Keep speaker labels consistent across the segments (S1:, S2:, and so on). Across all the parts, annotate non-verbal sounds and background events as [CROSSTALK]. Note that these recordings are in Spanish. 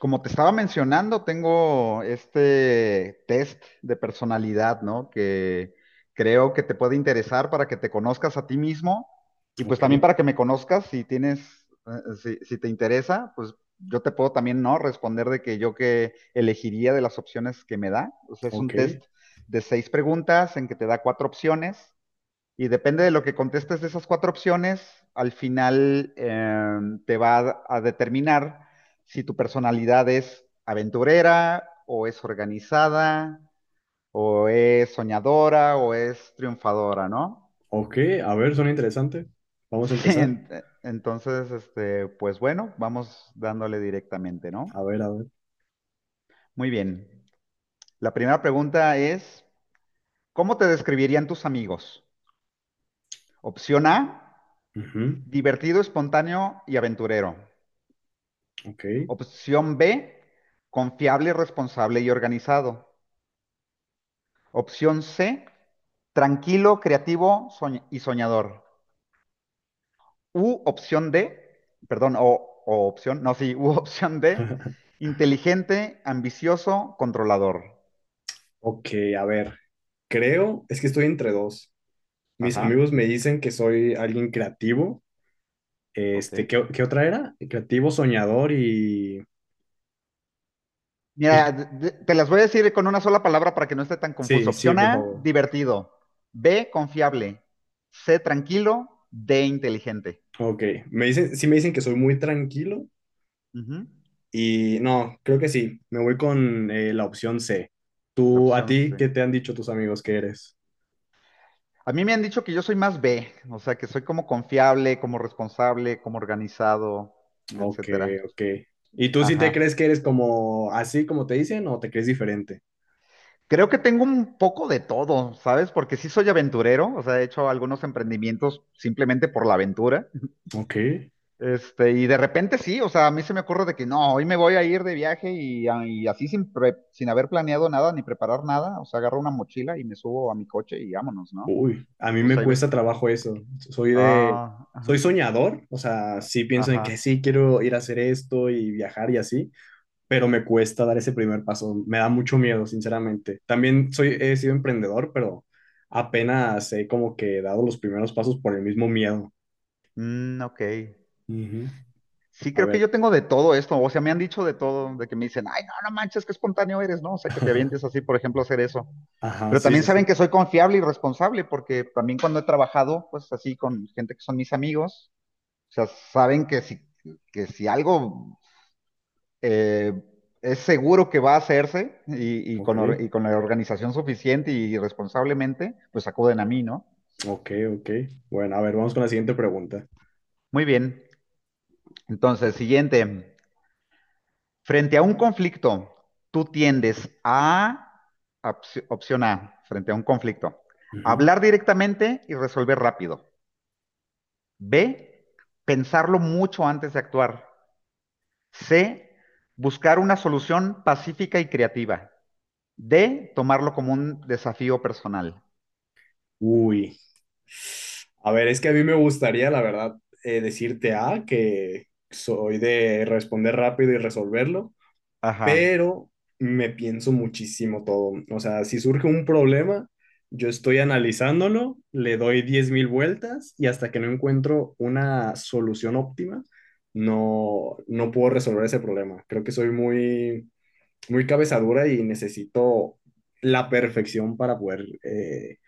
S1: Como te estaba mencionando, tengo este test de personalidad, ¿no? Que creo que te puede interesar para que te conozcas a ti mismo y pues
S2: Ok,
S1: también para que me conozcas si tienes, si te interesa, pues yo te puedo también, ¿no? Responder de que yo que elegiría de las opciones que me da. O sea, es
S2: ok,
S1: un test de seis preguntas en que te da cuatro opciones y depende de lo que contestes de esas cuatro opciones, al final te va a, determinar si tu personalidad es aventurera o es organizada o es soñadora o es triunfadora, ¿no? [LAUGHS]
S2: ok. A ver, suena interesante. Vamos a
S1: Sí,
S2: empezar.
S1: entonces, este, pues bueno, vamos dándole directamente,
S2: A
S1: ¿no?
S2: ver, a ver.
S1: Muy bien. La primera pregunta es, ¿cómo te describirían tus amigos? Opción A,
S2: Ujú.
S1: divertido, espontáneo y aventurero.
S2: Ok.
S1: Opción B, confiable, responsable y organizado. Opción C, tranquilo, creativo y soñador. U opción D, perdón, o opción, no, sí, [LAUGHS] u opción D,
S2: [LAUGHS]
S1: inteligente, ambicioso, controlador.
S2: Ok, a ver. Creo, es que estoy entre dos. Mis amigos
S1: Ajá,
S2: me dicen que soy alguien creativo.
S1: ok.
S2: ¿Qué otra era? Creativo, soñador y,
S1: Mira,
S2: y...
S1: te las voy a decir con una sola palabra para que no esté tan confuso.
S2: Sí, sí,
S1: Opción
S2: por
S1: A,
S2: favor.
S1: divertido. B, confiable. C, tranquilo. D, inteligente.
S2: Ok. Me dicen, sí me dicen que soy muy tranquilo
S1: Ujú.
S2: y no, creo que sí. Me voy con la opción C.
S1: La
S2: Tú, a
S1: opción
S2: ti,
S1: C.
S2: ¿qué te han dicho tus amigos que eres?
S1: A mí me han dicho que yo soy más B, o sea, que soy como confiable, como responsable, como organizado,
S2: Ok,
S1: etcétera.
S2: ok. ¿Y tú sí te
S1: Ajá.
S2: crees que eres como así como te dicen o te crees diferente?
S1: Creo que tengo un poco de todo, ¿sabes? Porque sí soy aventurero, o sea, he hecho algunos emprendimientos simplemente por la aventura.
S2: Ok.
S1: Este, y de repente sí, o sea, a mí se me ocurre de que no, hoy me voy a ir de viaje y, y así sin, sin haber planeado nada ni preparar nada, o sea, agarro una mochila y me subo a mi coche y vámonos, ¿no?
S2: Uy, a mí
S1: O
S2: me
S1: sea, hay
S2: cuesta
S1: veces,
S2: trabajo eso. Soy de,
S1: ah,
S2: soy
S1: ajá,
S2: soñador, o sea, sí pienso en que
S1: ajá,
S2: sí quiero ir a hacer esto y viajar y así, pero me cuesta dar ese primer paso. Me da mucho miedo, sinceramente. He sido emprendedor, pero apenas he como que dado los primeros pasos por el mismo miedo.
S1: mm, ok.
S2: Ujú.
S1: Sí,
S2: A
S1: creo que
S2: ver.
S1: yo tengo de todo esto, o sea, me han dicho de todo, de que me dicen, ay, no, no manches, qué espontáneo eres, ¿no? O sea, que te avientes así,
S2: [LAUGHS]
S1: por ejemplo, a hacer eso.
S2: Ajá,
S1: Pero
S2: sí,
S1: también
S2: sí,
S1: saben
S2: sí.
S1: que soy confiable y responsable, porque también cuando he trabajado, pues así, con gente que son mis amigos, o sea, saben que si, algo eh, es seguro que va a hacerse y, y
S2: Ok.
S1: con, or- y con la organización suficiente y responsablemente, pues acuden a mí, ¿no?
S2: Ok, ok. Bueno, a ver, vamos con la siguiente pregunta.
S1: Muy bien. Entonces, siguiente. Frente a un conflicto, tú tiendes a, opción A, frente a un conflicto,
S2: Ujú.
S1: hablar directamente y resolver rápido. B, pensarlo mucho antes de actuar. C, buscar una solución pacífica y creativa. D, tomarlo como un desafío personal.
S2: Uy, a ver, es que a mí me gustaría, la verdad, decirte A, que soy de responder rápido y resolverlo,
S1: Ajá,
S2: pero me pienso muchísimo todo. O sea, si surge un problema, yo estoy analizándolo, le doy 10.000 vueltas y hasta que no encuentro una solución óptima, no, no puedo resolver ese problema. Creo que soy muy muy cabezadura y necesito la perfección para poder,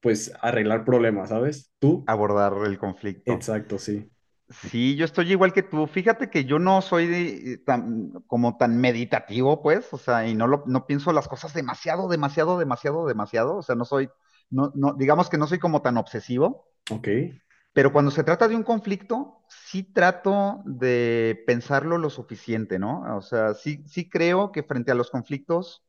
S2: pues, arreglar problemas, ¿sabes? ¿Tú?
S1: abordar el conflicto.
S2: Exacto, sí.
S1: Sí, yo estoy igual que tú. Fíjate que yo no soy tan, como tan meditativo, pues, o sea, y no, no pienso las cosas demasiado, demasiado, demasiado, demasiado. O sea, no soy, no, no, digamos que no soy como tan obsesivo,
S2: Ok,
S1: pero cuando se trata de un conflicto, sí trato de pensarlo lo suficiente, ¿no? O sea, sí, sí creo que frente a los conflictos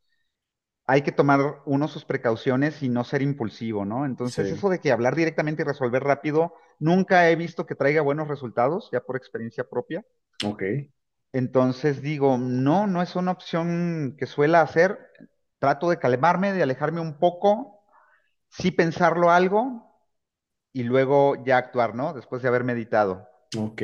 S1: hay que tomar uno sus precauciones y no ser impulsivo, ¿no? Entonces, eso
S2: sí,
S1: de que hablar directamente y resolver rápido, nunca he visto que traiga buenos resultados, ya por experiencia propia.
S2: ok,
S1: Entonces digo, no, no es una opción que suela hacer. Trato de calmarme, de alejarme un poco, sí pensarlo algo y luego ya actuar, ¿no? Después de haber meditado.
S2: ok.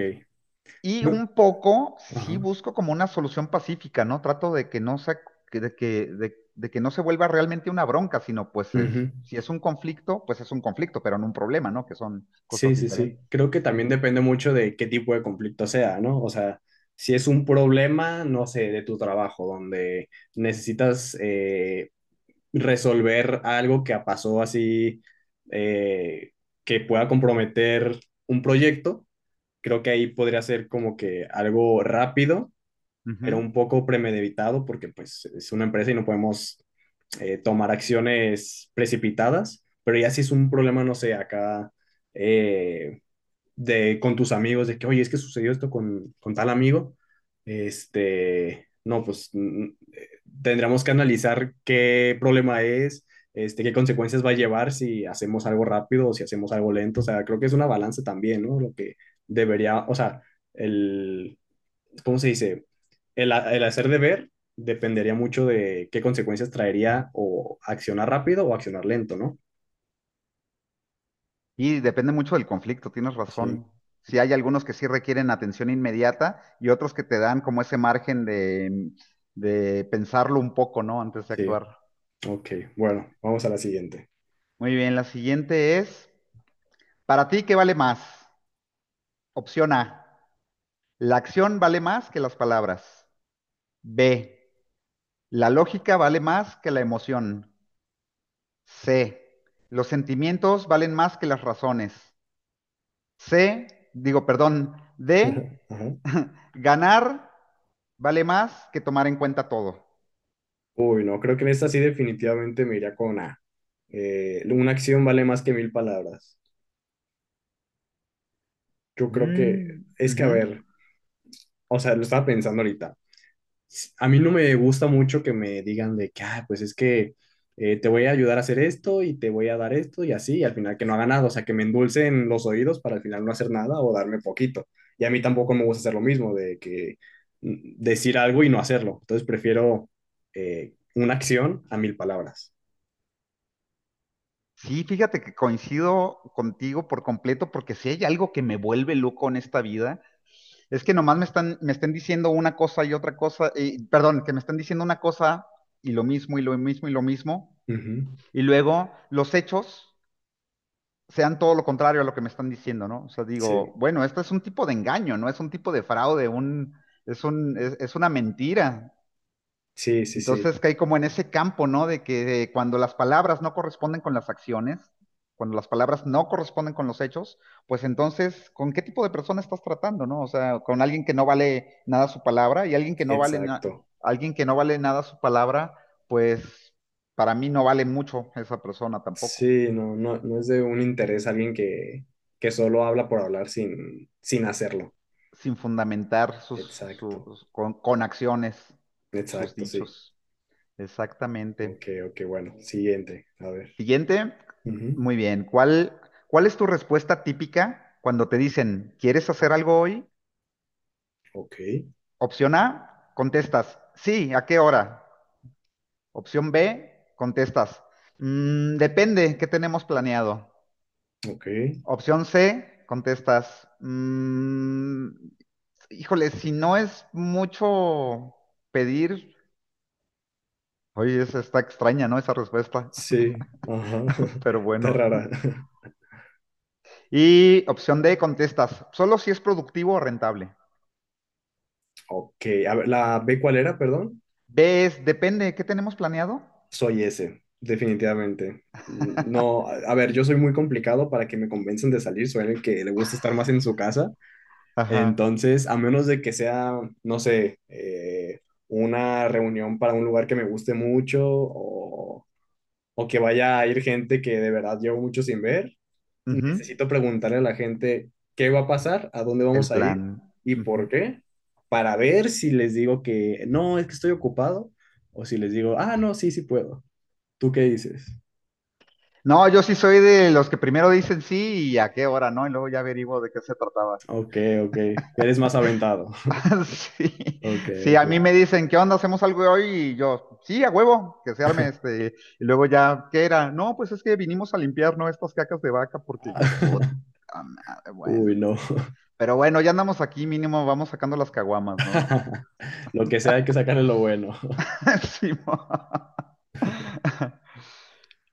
S1: Y
S2: Yo-
S1: un poco sí
S2: Ajá.
S1: busco como una solución pacífica, ¿no? Trato de que no se, de que no se vuelva realmente una bronca, sino pues es,
S2: Ujú.
S1: si es un conflicto, pues es un conflicto, pero no un problema, ¿no? Que son cosas
S2: Sí, sí, sí.
S1: diferentes.
S2: Creo que también
S1: Ujú.
S2: depende mucho de qué tipo de conflicto sea, ¿no? O sea, si es un problema, no sé, de tu trabajo, donde necesitas resolver algo que pasó así, eh, que pueda comprometer un proyecto. Creo que ahí podría ser como que algo rápido, pero
S1: Ujú.
S2: un poco premeditado porque pues es una empresa y no podemos tomar acciones precipitadas, pero ya si es un problema, no sé, acá, eh, con tus amigos, de que, oye, es que sucedió esto con tal amigo, no, pues tendremos que analizar qué problema es, qué consecuencias va a llevar si hacemos algo rápido o si hacemos algo lento. O sea, creo que es una balanza también, ¿no? Lo que debería, o sea, el, ¿cómo se dice? El hacer deber dependería mucho de qué consecuencias traería o accionar rápido o accionar lento, ¿no?
S1: Y depende mucho del conflicto, tienes
S2: Sí,
S1: razón. Si hay algunos que sí requieren atención inmediata y otros que te dan como ese margen de pensarlo un poco, ¿no? Antes de
S2: sí.
S1: actuar.
S2: Ok, bueno, vamos a la siguiente.
S1: Muy bien, la siguiente es, ¿para ti qué vale más? Opción A. La acción vale más que las palabras. B. La lógica vale más que la emoción. C. Los sentimientos valen más que las razones. C. Digo, perdón. D.
S2: [LAUGHS] Ajá.
S1: [LAUGHS] Ganar vale más que tomar en cuenta todo.
S2: Uy, no, creo que en esta sí definitivamente me iría con A. Una acción vale más que mil palabras. Yo creo que
S1: Mm,
S2: es que, a
S1: ujú.
S2: ver, o sea, lo estaba pensando ahorita. A mí no me gusta mucho que me digan de que, ah, pues es que te voy a ayudar a hacer esto y te voy a dar esto y así, y al final que no haga nada, o sea, que me endulcen los oídos para al final no hacer nada o darme poquito. Y a mí tampoco me gusta hacer lo mismo, de que decir algo y no hacerlo. Entonces prefiero una acción a mil palabras.
S1: Sí, fíjate que coincido contigo por completo porque si hay algo que me vuelve loco en esta vida es que nomás me están diciendo una cosa y otra cosa, y, perdón, que me están diciendo una cosa y lo mismo y lo mismo y lo mismo,
S2: Ujú.
S1: y luego los hechos sean todo lo contrario a lo que me están diciendo, ¿no? O sea, digo,
S2: Sí.
S1: bueno, esto es un tipo de engaño, ¿no? Es un tipo de fraude, es una mentira.
S2: Sí, sí, sí,
S1: Entonces caí como en ese campo, ¿no? De que cuando las palabras no corresponden con las acciones, cuando las palabras no corresponden con los hechos, pues entonces, ¿con qué tipo de persona estás tratando, no? O sea, con alguien que no vale nada su palabra y alguien que no vale
S2: exacto.
S1: alguien que no vale nada su palabra, pues para mí no vale mucho esa persona tampoco,
S2: Sí, no, no, no es de un interés alguien que solo habla por hablar sin hacerlo.
S1: sin fundamentar sus,
S2: Exacto,
S1: sus- con acciones sus
S2: exacto, sí.
S1: dichos. Exactamente.
S2: Ok, ok, bueno, siguiente, a ver.
S1: Siguiente.
S2: Ujú.
S1: Muy bien. ¿Cuál es tu respuesta típica cuando te dicen, ¿quieres hacer algo hoy?
S2: Ok,
S1: Opción A, contestas, sí, ¿a qué hora? Opción B, contestas, "Mm, depende, ¿qué tenemos planeado?"
S2: ok,
S1: Opción C, contestas, "Mm, híjole, si no es mucho pedir", oye, esa está extraña, ¿no? Esa respuesta, [LAUGHS]
S2: sí, ajá,
S1: pero
S2: [LAUGHS] está
S1: bueno.
S2: rara. [LAUGHS]
S1: Y opción D, contestas, solo si es productivo o rentable.
S2: Ok, a ver, ¿la B cuál era, perdón?
S1: Ves, depende, ¿qué tenemos planeado?
S2: Soy ese, definitivamente. No,
S1: [LAUGHS]
S2: a ver, yo soy muy complicado para que me convenzan de salir, soy el que le gusta estar más en su casa.
S1: Ajá.
S2: Entonces, a menos de que sea, no sé, una reunión para un lugar que me guste mucho o que vaya a ir gente que de verdad llevo mucho sin ver,
S1: Ujú.
S2: necesito preguntarle a la gente qué va a pasar, a dónde
S1: El
S2: vamos a ir
S1: plan.
S2: y
S1: Ujú.
S2: por qué, para ver si les digo que no, es que estoy ocupado o si les digo, ah, no, sí, sí puedo. ¿Tú qué dices?
S1: No, yo sí soy de los que primero dicen sí y a qué hora, ¿no? Y luego ya averiguo de qué se trataba.
S2: Ok, ok. Eres más aventado. [LAUGHS]
S1: [LAUGHS] Sí,
S2: Ok,
S1: sí, a mí
S2: ok.
S1: me dicen, ¿qué onda? ¿Hacemos algo hoy? Y yo, sí, a huevo, que se arme este. Y luego ya, ¿qué era? No, pues es que vinimos a limpiar, ¿no? Estas cacas de vaca, porque yo, puta madre,
S2: [LAUGHS] Uy,
S1: bueno.
S2: no.
S1: Pero bueno, ya andamos aquí, mínimo, vamos sacando las caguamas, ¿no?
S2: [LAUGHS] Lo que sea, hay que sacarle lo bueno. [LAUGHS]
S1: [LAUGHS] Sí, [LAUGHS]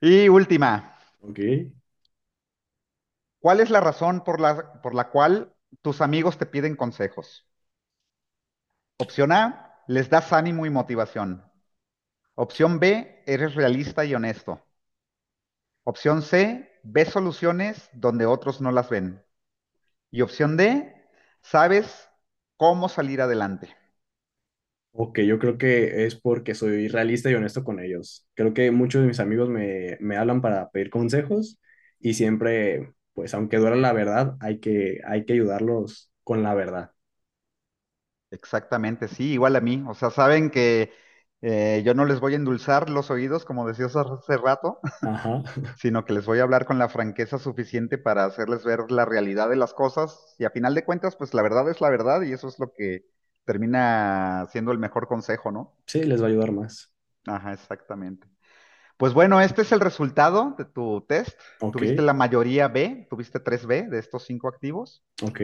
S1: y última.
S2: Ok.
S1: ¿Cuál es la razón por la cual tus amigos te piden consejos? Opción A, les das ánimo y motivación. Opción B, eres realista y honesto. Opción C, ves soluciones donde otros no las ven. Y opción D, sabes cómo salir adelante.
S2: Ok, yo creo que es porque soy realista y honesto con ellos. Creo que muchos de mis amigos me hablan para pedir consejos y siempre, pues aunque duela la verdad, hay que ayudarlos con la verdad.
S1: Exactamente, sí, igual a mí. O sea, saben que yo no les voy a endulzar los oídos, como decías hace rato.
S2: Ajá. [LAUGHS]
S1: Sino que les voy a hablar con la franqueza suficiente para hacerles ver la realidad de las cosas y a final de cuentas, pues la verdad es la verdad y eso es lo que termina siendo el mejor consejo, ¿no?
S2: Sí, les va a ayudar más.
S1: Ajá, exactamente. Pues bueno, este es el resultado de tu test.
S2: Ok,
S1: Tuviste la mayoría B, tuviste tres b de estos cinco activos
S2: ok,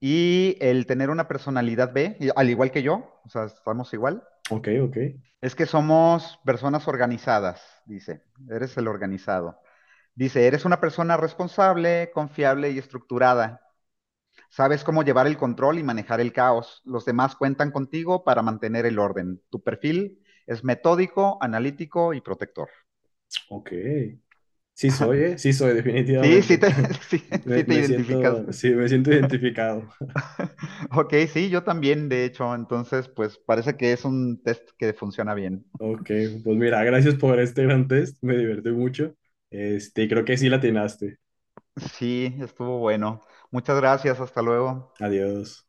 S1: y el tener una personalidad B, al igual que yo, o sea, estamos igual,
S2: ok, ok,
S1: es que somos personas organizadas, dice, eres el organizado. Dice, eres una persona responsable, confiable y estructurada. Sabes cómo llevar el control y manejar el caos. Los demás cuentan contigo para mantener el orden. Tu perfil es metódico, analítico y protector.
S2: ok. Sí soy, ¿eh? Sí soy,
S1: Sí, sí
S2: definitivamente.
S1: te,
S2: [LAUGHS]
S1: [LAUGHS] sí,
S2: Me,
S1: sí te
S2: me siento,
S1: identificaste.
S2: sí, me siento identificado.
S1: Ok, sí, yo también, de hecho. Entonces, pues parece que es un test que funciona bien.
S2: Ok, pues mira, gracias por este gran test, me divertí mucho. Creo que sí la atinaste.
S1: Sí, estuvo bueno. Muchas gracias, hasta luego.
S2: Adiós.